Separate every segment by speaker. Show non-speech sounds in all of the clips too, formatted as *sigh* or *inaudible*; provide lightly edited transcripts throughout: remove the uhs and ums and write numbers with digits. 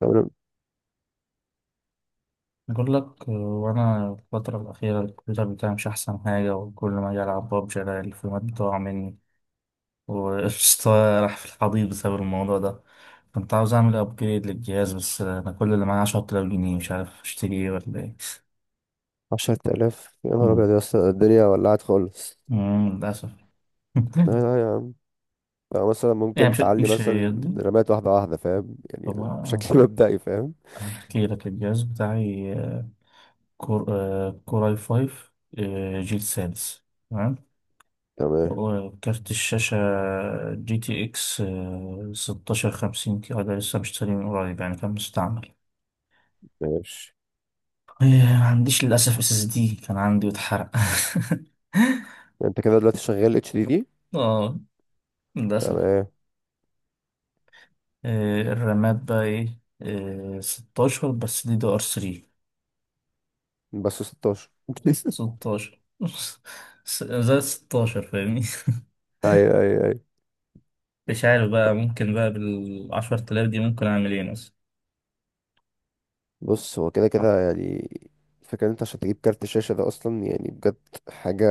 Speaker 1: تمام.
Speaker 2: بقول لك وانا الفترة الأخيرة الكمبيوتر بتاعي مش أحسن حاجة، وكل ما أجي ألعب ببجي ألاقي الفريمات بتقع مني وقشطة. *laughs* راح في الحضيض بسبب الموضوع ده. كنت عاوز أعمل أبجريد للجهاز، بس أنا كل اللي معايا 10000 جنيه، مش عارف أشتري إيه ولا إيه.
Speaker 1: عشرة آلاف؟ يا نهار
Speaker 2: مم.
Speaker 1: أبيض يا اسطى، الدنيا ولعت خالص.
Speaker 2: للأسف.
Speaker 1: لا
Speaker 2: *laughs*
Speaker 1: لا يا عم. يعني مثلا
Speaker 2: يعني
Speaker 1: ممكن
Speaker 2: مش
Speaker 1: تعلي
Speaker 2: مش
Speaker 1: مثلا
Speaker 2: يدي.
Speaker 1: رمات واحدة واحدة، فاهم؟
Speaker 2: طب
Speaker 1: يعني بشكل *laughs* مبدئي، فاهم؟
Speaker 2: أحكي لك الجهاز بتاعي. كور كور اي 5، جيل سادس.
Speaker 1: تمام.
Speaker 2: وكارت الشاشة جي تي اكس، 1650 كده، ده لسه مشتريه من قريب يعني، كان مستعمل.
Speaker 1: ماشي.
Speaker 2: إيه، ما عنديش للأسف اس اس دي، كان عندي واتحرق. *laughs*
Speaker 1: يعني انت كده دلوقتي شغال اتش دي دي؟
Speaker 2: اه، للأسف.
Speaker 1: تمام.
Speaker 2: إيه، الرامات بقى ايه. 16، بس دي دي ار 3.
Speaker 1: بس 16؟ *laughs*
Speaker 2: 16، *laughs* زائد 16، فاهمني.
Speaker 1: ايوه، ايوه، ايوه.
Speaker 2: مش عارف بقى، ممكن بقى بالعشرة آلاف دي ممكن أعمل ايه مثلا؟
Speaker 1: بص، هو كده كده يعني. الفكرة ان انت عشان تجيب كارت شاشة ده اصلا، يعني بجد، حاجة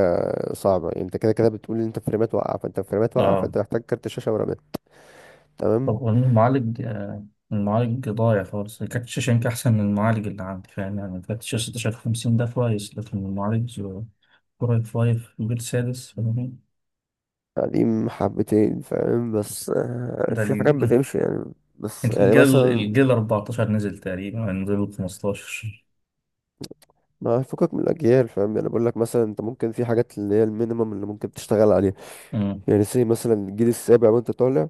Speaker 1: صعبة. يعني انت كده كده بتقول ان انت فريمات واقعة،
Speaker 2: اه.
Speaker 1: فانت محتاج كارت شاشة ورامات. تمام.
Speaker 2: طب والمعالج، المعالج ضايع خالص. كارت الشاشة يمكن أحسن من المعالج اللي عندي، فاهم يعني، كارت الشاشة 1650 ده كويس، لكن المعالج كور اي 5 جيل سادس، فاهمني.
Speaker 1: قديم حبتين، فاهم؟ بس
Speaker 2: ده
Speaker 1: في حاجات
Speaker 2: الجيل،
Speaker 1: بتمشي يعني. بس يعني
Speaker 2: الجيل
Speaker 1: مثلا،
Speaker 2: الجيل 14 نزل تقريبا، يعني نزل 15.
Speaker 1: ما فكك من الاجيال، فاهم؟ يعني بقول لك مثلا، انت ممكن في حاجات اللي هي المينيمم اللي ممكن تشتغل عليها.
Speaker 2: أمم،
Speaker 1: يعني سي مثلا الجيل السابع وانت طالع.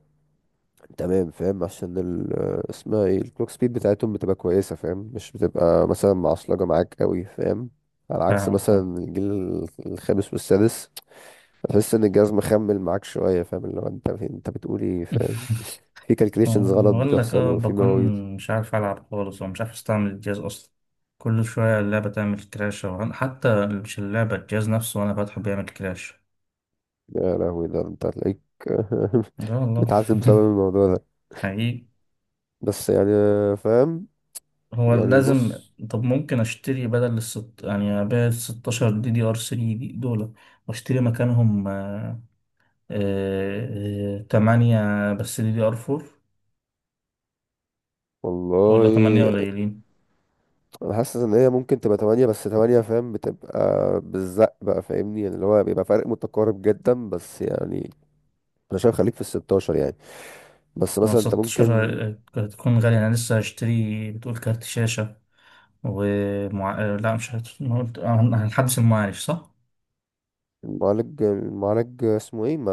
Speaker 1: تمام، فاهم؟ عشان ال آه، اسمها ايه الكلوك سبيد بتاعتهم بتبقى كويسه، فاهم؟ مش بتبقى مثلا معصلجه معاك قوي، فاهم؟ على عكس
Speaker 2: فاهم فاهم.
Speaker 1: مثلا الجيل الخامس والسادس، تحس ان الجهاز مخمل معاك شويه، فاهم؟ اللي هو انت بتقول ايه، فاهم؟ في
Speaker 2: *laughs*
Speaker 1: كالكليشنز غلط
Speaker 2: بقول لك،
Speaker 1: بتحصل، وفي
Speaker 2: بكون
Speaker 1: مواويل.
Speaker 2: مش عارف ألعب خالص، ومش عارف أستعمل الجهاز أصلا. كل شوية اللعبة تعمل كراش، أو حتى مش اللعبة، الجهاز نفسه وأنا فاتحه بيعمل كراش.
Speaker 1: يا لهوي، ده انت هتلاقيك *laughs*
Speaker 2: لا والله. *laughs*
Speaker 1: متعذب بسبب الموضوع ده.
Speaker 2: حقيقي.
Speaker 1: بس يعني، فاهم؟
Speaker 2: هو
Speaker 1: يعني،
Speaker 2: لازم.
Speaker 1: بص،
Speaker 2: طب ممكن اشتري بدل الست، يعني ابيع ال 16 دي دي ار 3 دي دول، واشتري مكانهم 8، بس دي دي ار 4. ولا 8
Speaker 1: والله.
Speaker 2: قليلين؟
Speaker 1: انا حاسس ان هي ممكن تبقى تمانية، بس تمانية، فاهم؟ بتبقى بالزق بقى، فاهمني؟ يعني اللي هو بيبقى فرق متقارب جدا، بس يعني انا شايف خليك في الستاشر يعني. بس مثلا انت
Speaker 2: 16
Speaker 1: ممكن.
Speaker 2: هتكون غالية، انا لسه هشتري بتقول كارت شاشة ومع... لا مش هت... أنا قلت- هنحدث المعالج صح؟
Speaker 1: المعالج اسمه ايه، ما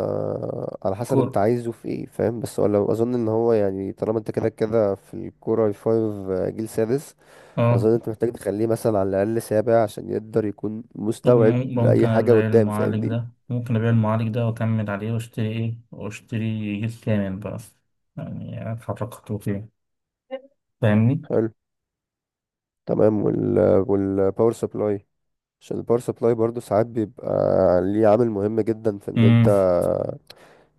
Speaker 1: على حسب انت
Speaker 2: كور.
Speaker 1: عايزه في ايه، فاهم؟ بس ولا اظن ان هو يعني طالما انت كده كده في الكوره 5 جيل سادس،
Speaker 2: اه.
Speaker 1: اظن انت محتاج تخليه مثلا على الاقل سابع، عشان يقدر يكون
Speaker 2: طب
Speaker 1: مستوعب
Speaker 2: ممكن
Speaker 1: لاي حاجه
Speaker 2: أبيع
Speaker 1: قدام،
Speaker 2: المعالج
Speaker 1: فاهمني؟
Speaker 2: ده، وأكمل عليه، وأشتري جيل كامل بقى. يعني أتحرك خطوتين، فاهمني؟
Speaker 1: حلو، تمام. والباور سبلاي، عشان الباور سبلاي برضو ساعات بيبقى ليه عامل مهم جدا في ان انت،
Speaker 2: مم.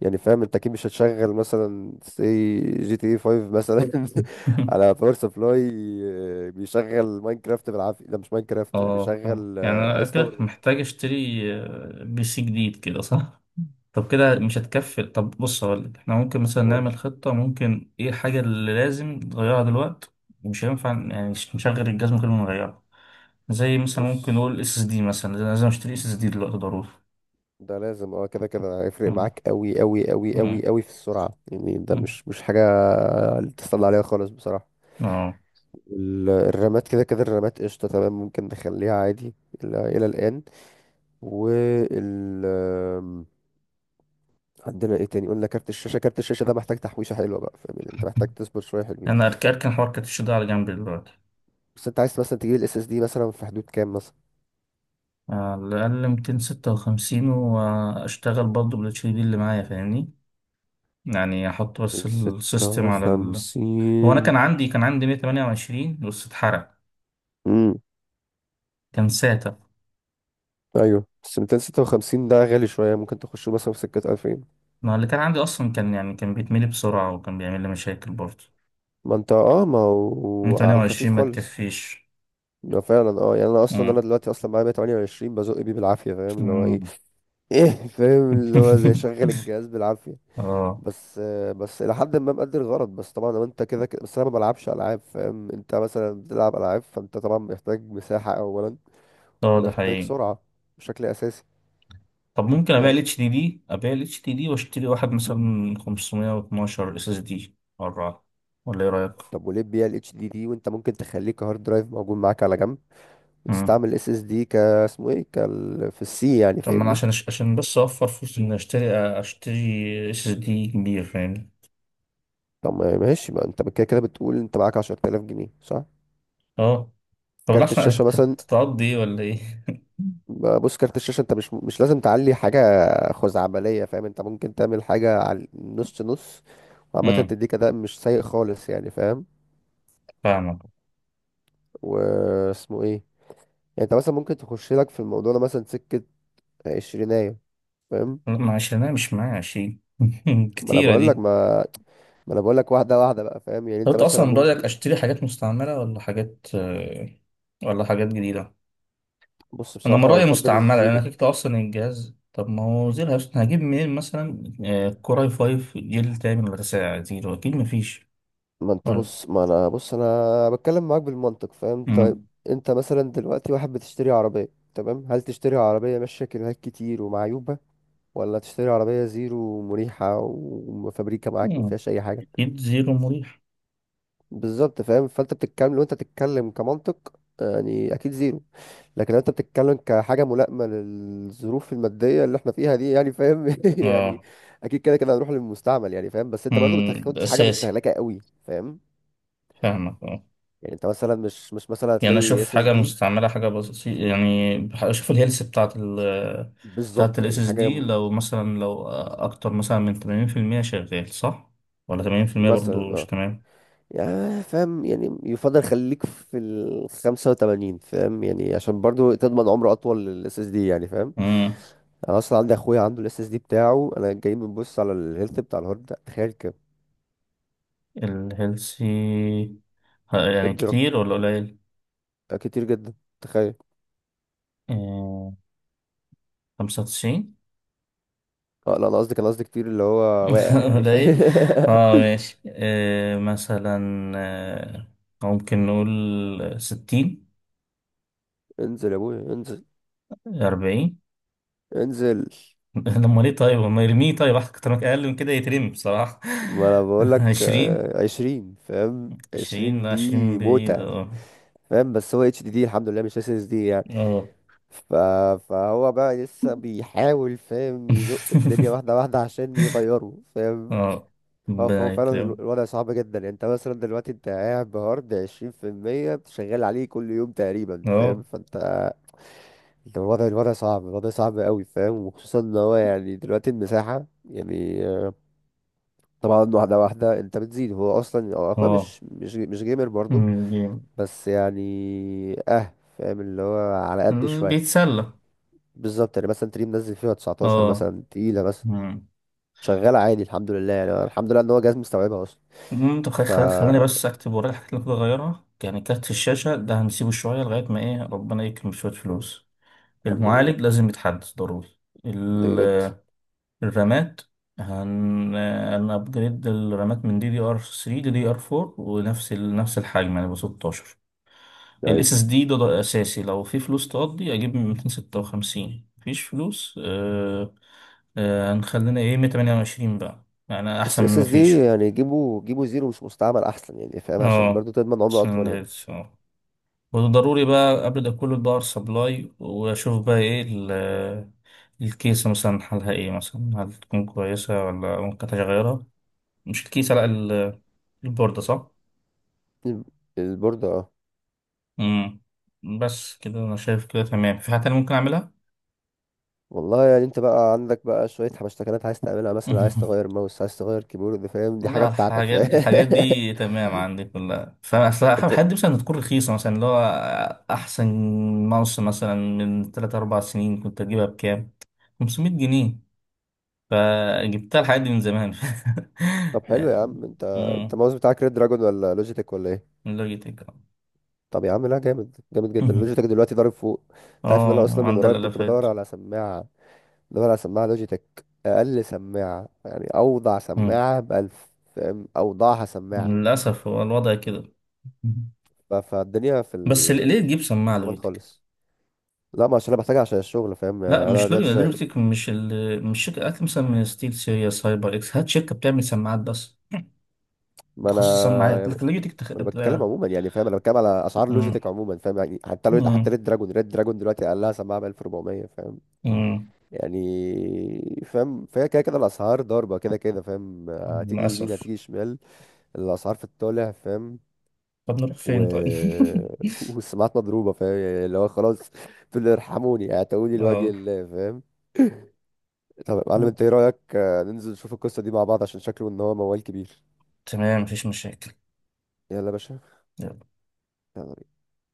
Speaker 1: يعني فاهم، انت اكيد مش هتشغل مثلا سي جي تي 5 مثلا *laughs*
Speaker 2: *laughs*
Speaker 1: على باور سبلاي بيشغل ماينكرافت بالعافيه، لا مش ماينكرافت،
Speaker 2: اه، فاهم.
Speaker 1: بيشغل
Speaker 2: يعني أنا
Speaker 1: ايس
Speaker 2: كده
Speaker 1: تاور.
Speaker 2: محتاج أشتري بي سي جديد كده، صح؟ طب كده مش هتكفي. طب بص هقولك، احنا ممكن مثلا
Speaker 1: قول.
Speaker 2: نعمل خطة، ممكن ايه الحاجة اللي لازم نغيرها دلوقتي ومش هينفع يعني نشغل الجهاز من غير ما نغيرها. زي مثلا ممكن
Speaker 1: بص،
Speaker 2: نقول اس اس دي، مثلا لازم اشتري اس اس دي دلوقتي ضروري.
Speaker 1: ده لازم اه كده كده هيفرق
Speaker 2: مم.
Speaker 1: معاك قوي قوي قوي
Speaker 2: مم.
Speaker 1: قوي قوي في السرعة، يعني ده
Speaker 2: مم.
Speaker 1: مش حاجة تستنى عليها خالص، بصراحة.
Speaker 2: اه.
Speaker 1: الرامات كده كده، الرامات قشطة، تمام، ممكن نخليها عادي إلى الآن. وال آم، عندنا ايه تاني؟ قلنا كارت الشاشة، كارت الشاشة ده محتاج تحويشة حلوة بقى، فاهم؟ يعني انت محتاج تصبر شوية حلوين.
Speaker 2: انا اركن اركن حوار كاتش ده على جنب دلوقتي.
Speaker 1: بس انت عايز مثلا تجيب الاس اس دي مثلا في حدود كام، مثلا
Speaker 2: على الاقل 256، واشتغل برضه بالاتش دي اللي معايا، فاهمني؟ يعني احط بس السيستم على ال... هو انا
Speaker 1: 256؟
Speaker 2: كان عندي 128، بس اتحرق.
Speaker 1: امم
Speaker 2: كان ساتا.
Speaker 1: ايوه، بس 256 ده غالي شوية، ممكن تخشه مثلا في سكة 2000.
Speaker 2: ما اللي كان عندي اصلا كان يعني كان بيتملي بسرعه، وكان بيعمل لي مشاكل برضه.
Speaker 1: ما انت، اه، ما هو على
Speaker 2: 128
Speaker 1: الخفيف
Speaker 2: ما
Speaker 1: خالص،
Speaker 2: تكفيش.
Speaker 1: ده فعلا اه، يعني انا اصلا انا
Speaker 2: مم.
Speaker 1: دلوقتي اصلا معايا 128 بزق بيه بالعافيه، فاهم؟ اللي هو ايه
Speaker 2: مم.
Speaker 1: ايه فاهم، اللي هو زي
Speaker 2: *laughs*
Speaker 1: شغل الجهاز بالعافيه،
Speaker 2: اه.
Speaker 1: بس الى حد ما مقدر الغرض. بس طبعا لو انت كده كده، بس انا ما بلعبش العاب، فاهم؟ انت مثلا بتلعب العاب، فانت طبعا محتاج مساحه اولا،
Speaker 2: اه، ده
Speaker 1: محتاج
Speaker 2: حقيقي.
Speaker 1: سرعه بشكل اساسي،
Speaker 2: طب ممكن ابيع
Speaker 1: فاهم.
Speaker 2: الاتش دي دي، واشتري واحد مثلا 512 اس اس دي اربعة. ولا ايه رايك؟
Speaker 1: طب وليه تبيع الاتش دي دي وانت ممكن تخليه كهارد درايف موجود معاك على جنب،
Speaker 2: امم
Speaker 1: وتستعمل اس اس دي ك اسمه ايه، كال في السي، يعني
Speaker 2: طب ما انا
Speaker 1: فاهمني؟
Speaker 2: عشان بس اوفر فلوس، اني اشتري اشتري اس اس دي كبير، فاهمني.
Speaker 1: طب ماشي. ما انت كده كده بتقول انت معاك 10000 جنيه، صح؟
Speaker 2: اه. طب
Speaker 1: كارت
Speaker 2: الاحسن
Speaker 1: الشاشه مثلا.
Speaker 2: هتقضي ايه ولا ايه؟ *laughs*
Speaker 1: بص، كارت الشاشه انت مش لازم تعلي حاجه خزعبليه، فاهم؟ انت ممكن تعمل حاجه على نص نص، وعامه
Speaker 2: امم.
Speaker 1: تديك اداء مش سيء خالص يعني، فاهم؟
Speaker 2: فاهمك.
Speaker 1: واسمه ايه يعني، انت مثلا ممكن تخش لك في الموضوع ده مثلا سكه عشرينية، فاهم؟
Speaker 2: لا، ما عشان انا مش معايا 20 *laughs*
Speaker 1: ما انا
Speaker 2: كتيره
Speaker 1: بقول لك،
Speaker 2: دي.
Speaker 1: ما، ما انا بقول لك واحده واحده بقى، فاهم؟ يعني
Speaker 2: طب
Speaker 1: انت
Speaker 2: انت
Speaker 1: مثلا
Speaker 2: اصلا رايك
Speaker 1: ممكن.
Speaker 2: اشتري حاجات مستعمله ولا حاجات، ولا حاجات جديده؟
Speaker 1: بص
Speaker 2: انا من
Speaker 1: بصراحه، انا
Speaker 2: رايي
Speaker 1: بفضل
Speaker 2: مستعمله، لان
Speaker 1: الزيرو.
Speaker 2: كده كده اصلا الجهاز. طب ما هو زي الهاوس، هجيب منين مثلا كور اي 5 جيل تاني ولا تسعة زيرو؟ اكيد مفيش.
Speaker 1: ما انت
Speaker 2: ولا.
Speaker 1: بص، ما انا بص، انا بتكلم معاك بالمنطق، فاهم؟ طيب،
Speaker 2: مم.
Speaker 1: انت مثلا دلوقتي واحد بتشتري عربية. تمام، هل تشتري عربية ماشية كيلوهات كتير ومعيوبة، ولا تشتري عربية زيرو مريحة وفابريكا معاك ما
Speaker 2: مم.
Speaker 1: فيهاش اي حاجة؟
Speaker 2: اكيد زيرو مريح.
Speaker 1: بالظبط، فاهم؟ فانت بتتكلم لو انت بتتكلم كمنطق، يعني اكيد زيرو. لكن لو انت بتتكلم كحاجة ملائمة للظروف المادية اللي احنا فيها دي، يعني فاهم، *laughs* يعني
Speaker 2: اه.
Speaker 1: اكيد كده كده هنروح للمستعمل يعني، فاهم. بس انت برضو
Speaker 2: مم. ده
Speaker 1: بتاخدش حاجة
Speaker 2: اساسي.
Speaker 1: مستهلكة قوي، فاهم؟
Speaker 2: فاهمك اه.
Speaker 1: يعني انت مثلا مش مثلا
Speaker 2: يعني
Speaker 1: هتلاقي
Speaker 2: اشوف
Speaker 1: اس اس
Speaker 2: حاجه
Speaker 1: دي.
Speaker 2: مستعمله، حاجه بسيطه، يعني اشوف الهيلث بتاعت ال... بتاعت
Speaker 1: بالظبط
Speaker 2: الاس
Speaker 1: يعني
Speaker 2: اس
Speaker 1: حاجه.
Speaker 2: دي. لو مثلا لو اكتر مثلا من 80% شغال، صح؟ ولا 80%
Speaker 1: مثلا
Speaker 2: برضو مش؟
Speaker 1: اه، يعني فاهم، يعني يفضل خليك في ال 85، فاهم؟ يعني عشان برضو تضمن عمر اطول للاس اس دي يعني، فاهم.
Speaker 2: تمام.
Speaker 1: انا اصلا عندي اخويا عنده الاس اس دي بتاعه، انا جاي بنبص على الهيلث بتاع الهارد ده، تخيل كام.
Speaker 2: الهيلثي يعني
Speaker 1: ادي رقم.
Speaker 2: كتير ولا قليل؟
Speaker 1: ده كتير جدا، تخيل.
Speaker 2: آه، 95.
Speaker 1: اه لا، انا قصدي كتير اللي هو واقع
Speaker 2: *laughs*
Speaker 1: يعني،
Speaker 2: قليل.
Speaker 1: فاهم؟
Speaker 2: اه،
Speaker 1: *laughs*
Speaker 2: ماشي. مثلا، آه، ممكن نقول 60.
Speaker 1: انزل يا ابويا، انزل،
Speaker 2: 40.
Speaker 1: انزل.
Speaker 2: *laughs* لما ليه طيب، لما يرميه طيب. أكتر من، أقل من كده يترمي بصراحة.
Speaker 1: ما انا بقول
Speaker 2: *laughs*
Speaker 1: لك،
Speaker 2: 20.
Speaker 1: عشرين، فاهم؟
Speaker 2: 20،
Speaker 1: عشرين
Speaker 2: لا 20
Speaker 1: دي
Speaker 2: بعيد.
Speaker 1: موتة،
Speaker 2: اه.
Speaker 1: فاهم؟ بس هو اتش دي دي الحمد لله، مش اس اس دي يعني.
Speaker 2: اه.
Speaker 1: ف... فهو بقى لسه بيحاول، فاهم؟ يزق الدنيا
Speaker 2: *laughs*
Speaker 1: واحده واحده عشان يغيره، فاهم؟
Speaker 2: اه.
Speaker 1: فهو
Speaker 2: ربنا
Speaker 1: فعلا
Speaker 2: يكرمه.
Speaker 1: الوضع صعب جدا، يعني انت مثلا دلوقتي انت قاعد بهارد 20% شغال عليه كل يوم تقريبا، فاهم؟
Speaker 2: اه.
Speaker 1: فانت، انت الوضع صعب، الوضع صعب قوي، فاهم؟ وخصوصا ان هو يعني دلوقتي المساحه يعني، طبعا واحده واحده انت بتزيد. هو اصلا، هو اخويا
Speaker 2: اه.
Speaker 1: مش جيمر برضه، بس يعني اه، فاهم، اللي هو على قد شويه.
Speaker 2: بيتسلى.
Speaker 1: بالظبط، يعني مثلا تلاقيه منزل فيها 19
Speaker 2: اه.
Speaker 1: مثلا تقيلة مثلا،
Speaker 2: مم.
Speaker 1: شغالة عادي الحمد لله. يعني أنا الحمد لله ان هو جهاز مستوعبها اصلا.
Speaker 2: المهم. طب
Speaker 1: ف
Speaker 2: خلاني بس اكتب ورايا الحاجات اللي المفروض اغيرها، يعني كارت الشاشة ده هنسيبه شوية لغاية ما ايه، ربنا يكرم شوية فلوس.
Speaker 1: الحمد لله.
Speaker 2: المعالج لازم يتحدث ضروري.
Speaker 1: ده جد.
Speaker 2: ال- الرامات، هن ابجريد الرامات من دي دي ار 3 دي دي ار 4، ونفس ال... نفس الحجم يعني، ب 16.
Speaker 1: ايوه،
Speaker 2: الاس اس دي ده، ده اساسي. لو في فلوس تقضي اجيب من 256، مفيش فلوس، هنخلينا ايه، 128 بقى، يعني
Speaker 1: بس
Speaker 2: احسن
Speaker 1: اس
Speaker 2: من
Speaker 1: اس
Speaker 2: مفيش.
Speaker 1: دي يعني جيبوا جيبوا زيرو مش مستعمل احسن يعني، فاهم؟ عشان
Speaker 2: اه،
Speaker 1: برضو تضمن عمر
Speaker 2: عشان
Speaker 1: اطول يعني.
Speaker 2: الهيلث اه. وضروري بقى قبل ده كله باور سبلاي، واشوف بقى ايه الكيسة مثلا حالها ايه مثلا، هل تكون كويسة ولا ممكن تغيرها؟ مش الكيسة، لا، البوردة، صح؟
Speaker 1: الب- البوردة اه.
Speaker 2: مم. بس كده انا شايف كده تمام. في حاجة تانية ممكن اعملها؟
Speaker 1: والله، يعني انت بقى عندك بقى شوية حبشتكنات عايز تعملها، مثلا عايز تغير
Speaker 2: *laughs*
Speaker 1: ماوس، عايز تغير كيبورد، فاهم؟ دي حاجة
Speaker 2: لا،
Speaker 1: بتاعتك،
Speaker 2: الحاجات
Speaker 1: فاهم.
Speaker 2: الحاجات دي تمام عندي كلها فاصل.
Speaker 1: *laughs* انت
Speaker 2: الحاجات دي مثلا تكون رخيصة مثلا، اللي هو احسن. ماوس مثلا من 3 4 سنين كنت اجيبها بكام؟ 500 جنيه. فجبت لها الحاجات دي من زمان.
Speaker 1: طب
Speaker 2: *laughs*
Speaker 1: حلو يا
Speaker 2: يعني.
Speaker 1: عم، انت
Speaker 2: مم،
Speaker 1: الماوس بتاعك ريد دراجون ولا لوجيتك ولا ايه؟
Speaker 2: من لوجيتك. *laughs*
Speaker 1: طب يا عم لا، جامد جامد جدا. لوجيتك دلوقتي ضارب فوق. انت عارف ان انا
Speaker 2: اه،
Speaker 1: اصلا من
Speaker 2: عدى
Speaker 1: قريب كنت
Speaker 2: الالافات.
Speaker 1: بدور على سماعه، لوجيتك. اقل سماعه يعني، اوضع
Speaker 2: مم.
Speaker 1: سماعه بألف، فاهم؟ اوضعها سماعه.
Speaker 2: للاسف، هو الوضع كده. مم.
Speaker 1: فالدنيا
Speaker 2: بس ليه
Speaker 1: في
Speaker 2: تجيب سماعه
Speaker 1: الحرمان
Speaker 2: لوجيتك؟
Speaker 1: خالص. لا، ما عشان انا بحتاجها عشان الشغل، فاهم؟
Speaker 2: لا،
Speaker 1: يعني انا
Speaker 2: مش
Speaker 1: دلوقتي
Speaker 2: لوجيتك، لوجيتك مش ال... مش شركه. هات مثلا من ستيل سيريا، سايبر اكس. هات شركه بتعمل سماعات بس،
Speaker 1: ما
Speaker 2: تخصص سماعات،
Speaker 1: انا
Speaker 2: لكن لوجيتك
Speaker 1: ما انا بتكلم عموما يعني، فاهم؟ انا بتكلم على اسعار
Speaker 2: مم.
Speaker 1: لوجيتك عموما، فاهم؟ يعني حتى
Speaker 2: مم.
Speaker 1: ريد دراجون دلوقتي اقلها سماعه ب 1400، فاهم؟
Speaker 2: مم.
Speaker 1: يعني فاهم، فهي كده كده الاسعار ضاربه، كده كده فاهم، هتيجي يمين،
Speaker 2: للاسف.
Speaker 1: هتيجي شمال. الاسعار في الطالع، فاهم؟
Speaker 2: طب نروح
Speaker 1: و...
Speaker 2: فين طيب؟ *laughs*
Speaker 1: *laughs* والسماعات مضروبه، فاهم؟ يعني اللي هو خلاص، تقول لي ارحموني، اعتقوني لوجه
Speaker 2: اه.
Speaker 1: الله، فاهم. طب يا معلم، انت ايه رايك ننزل نشوف القصه دي مع بعض، عشان شكله ان هو موال كبير.
Speaker 2: تمام، مفيش مشاكل.
Speaker 1: يلا يا باشا. يلا.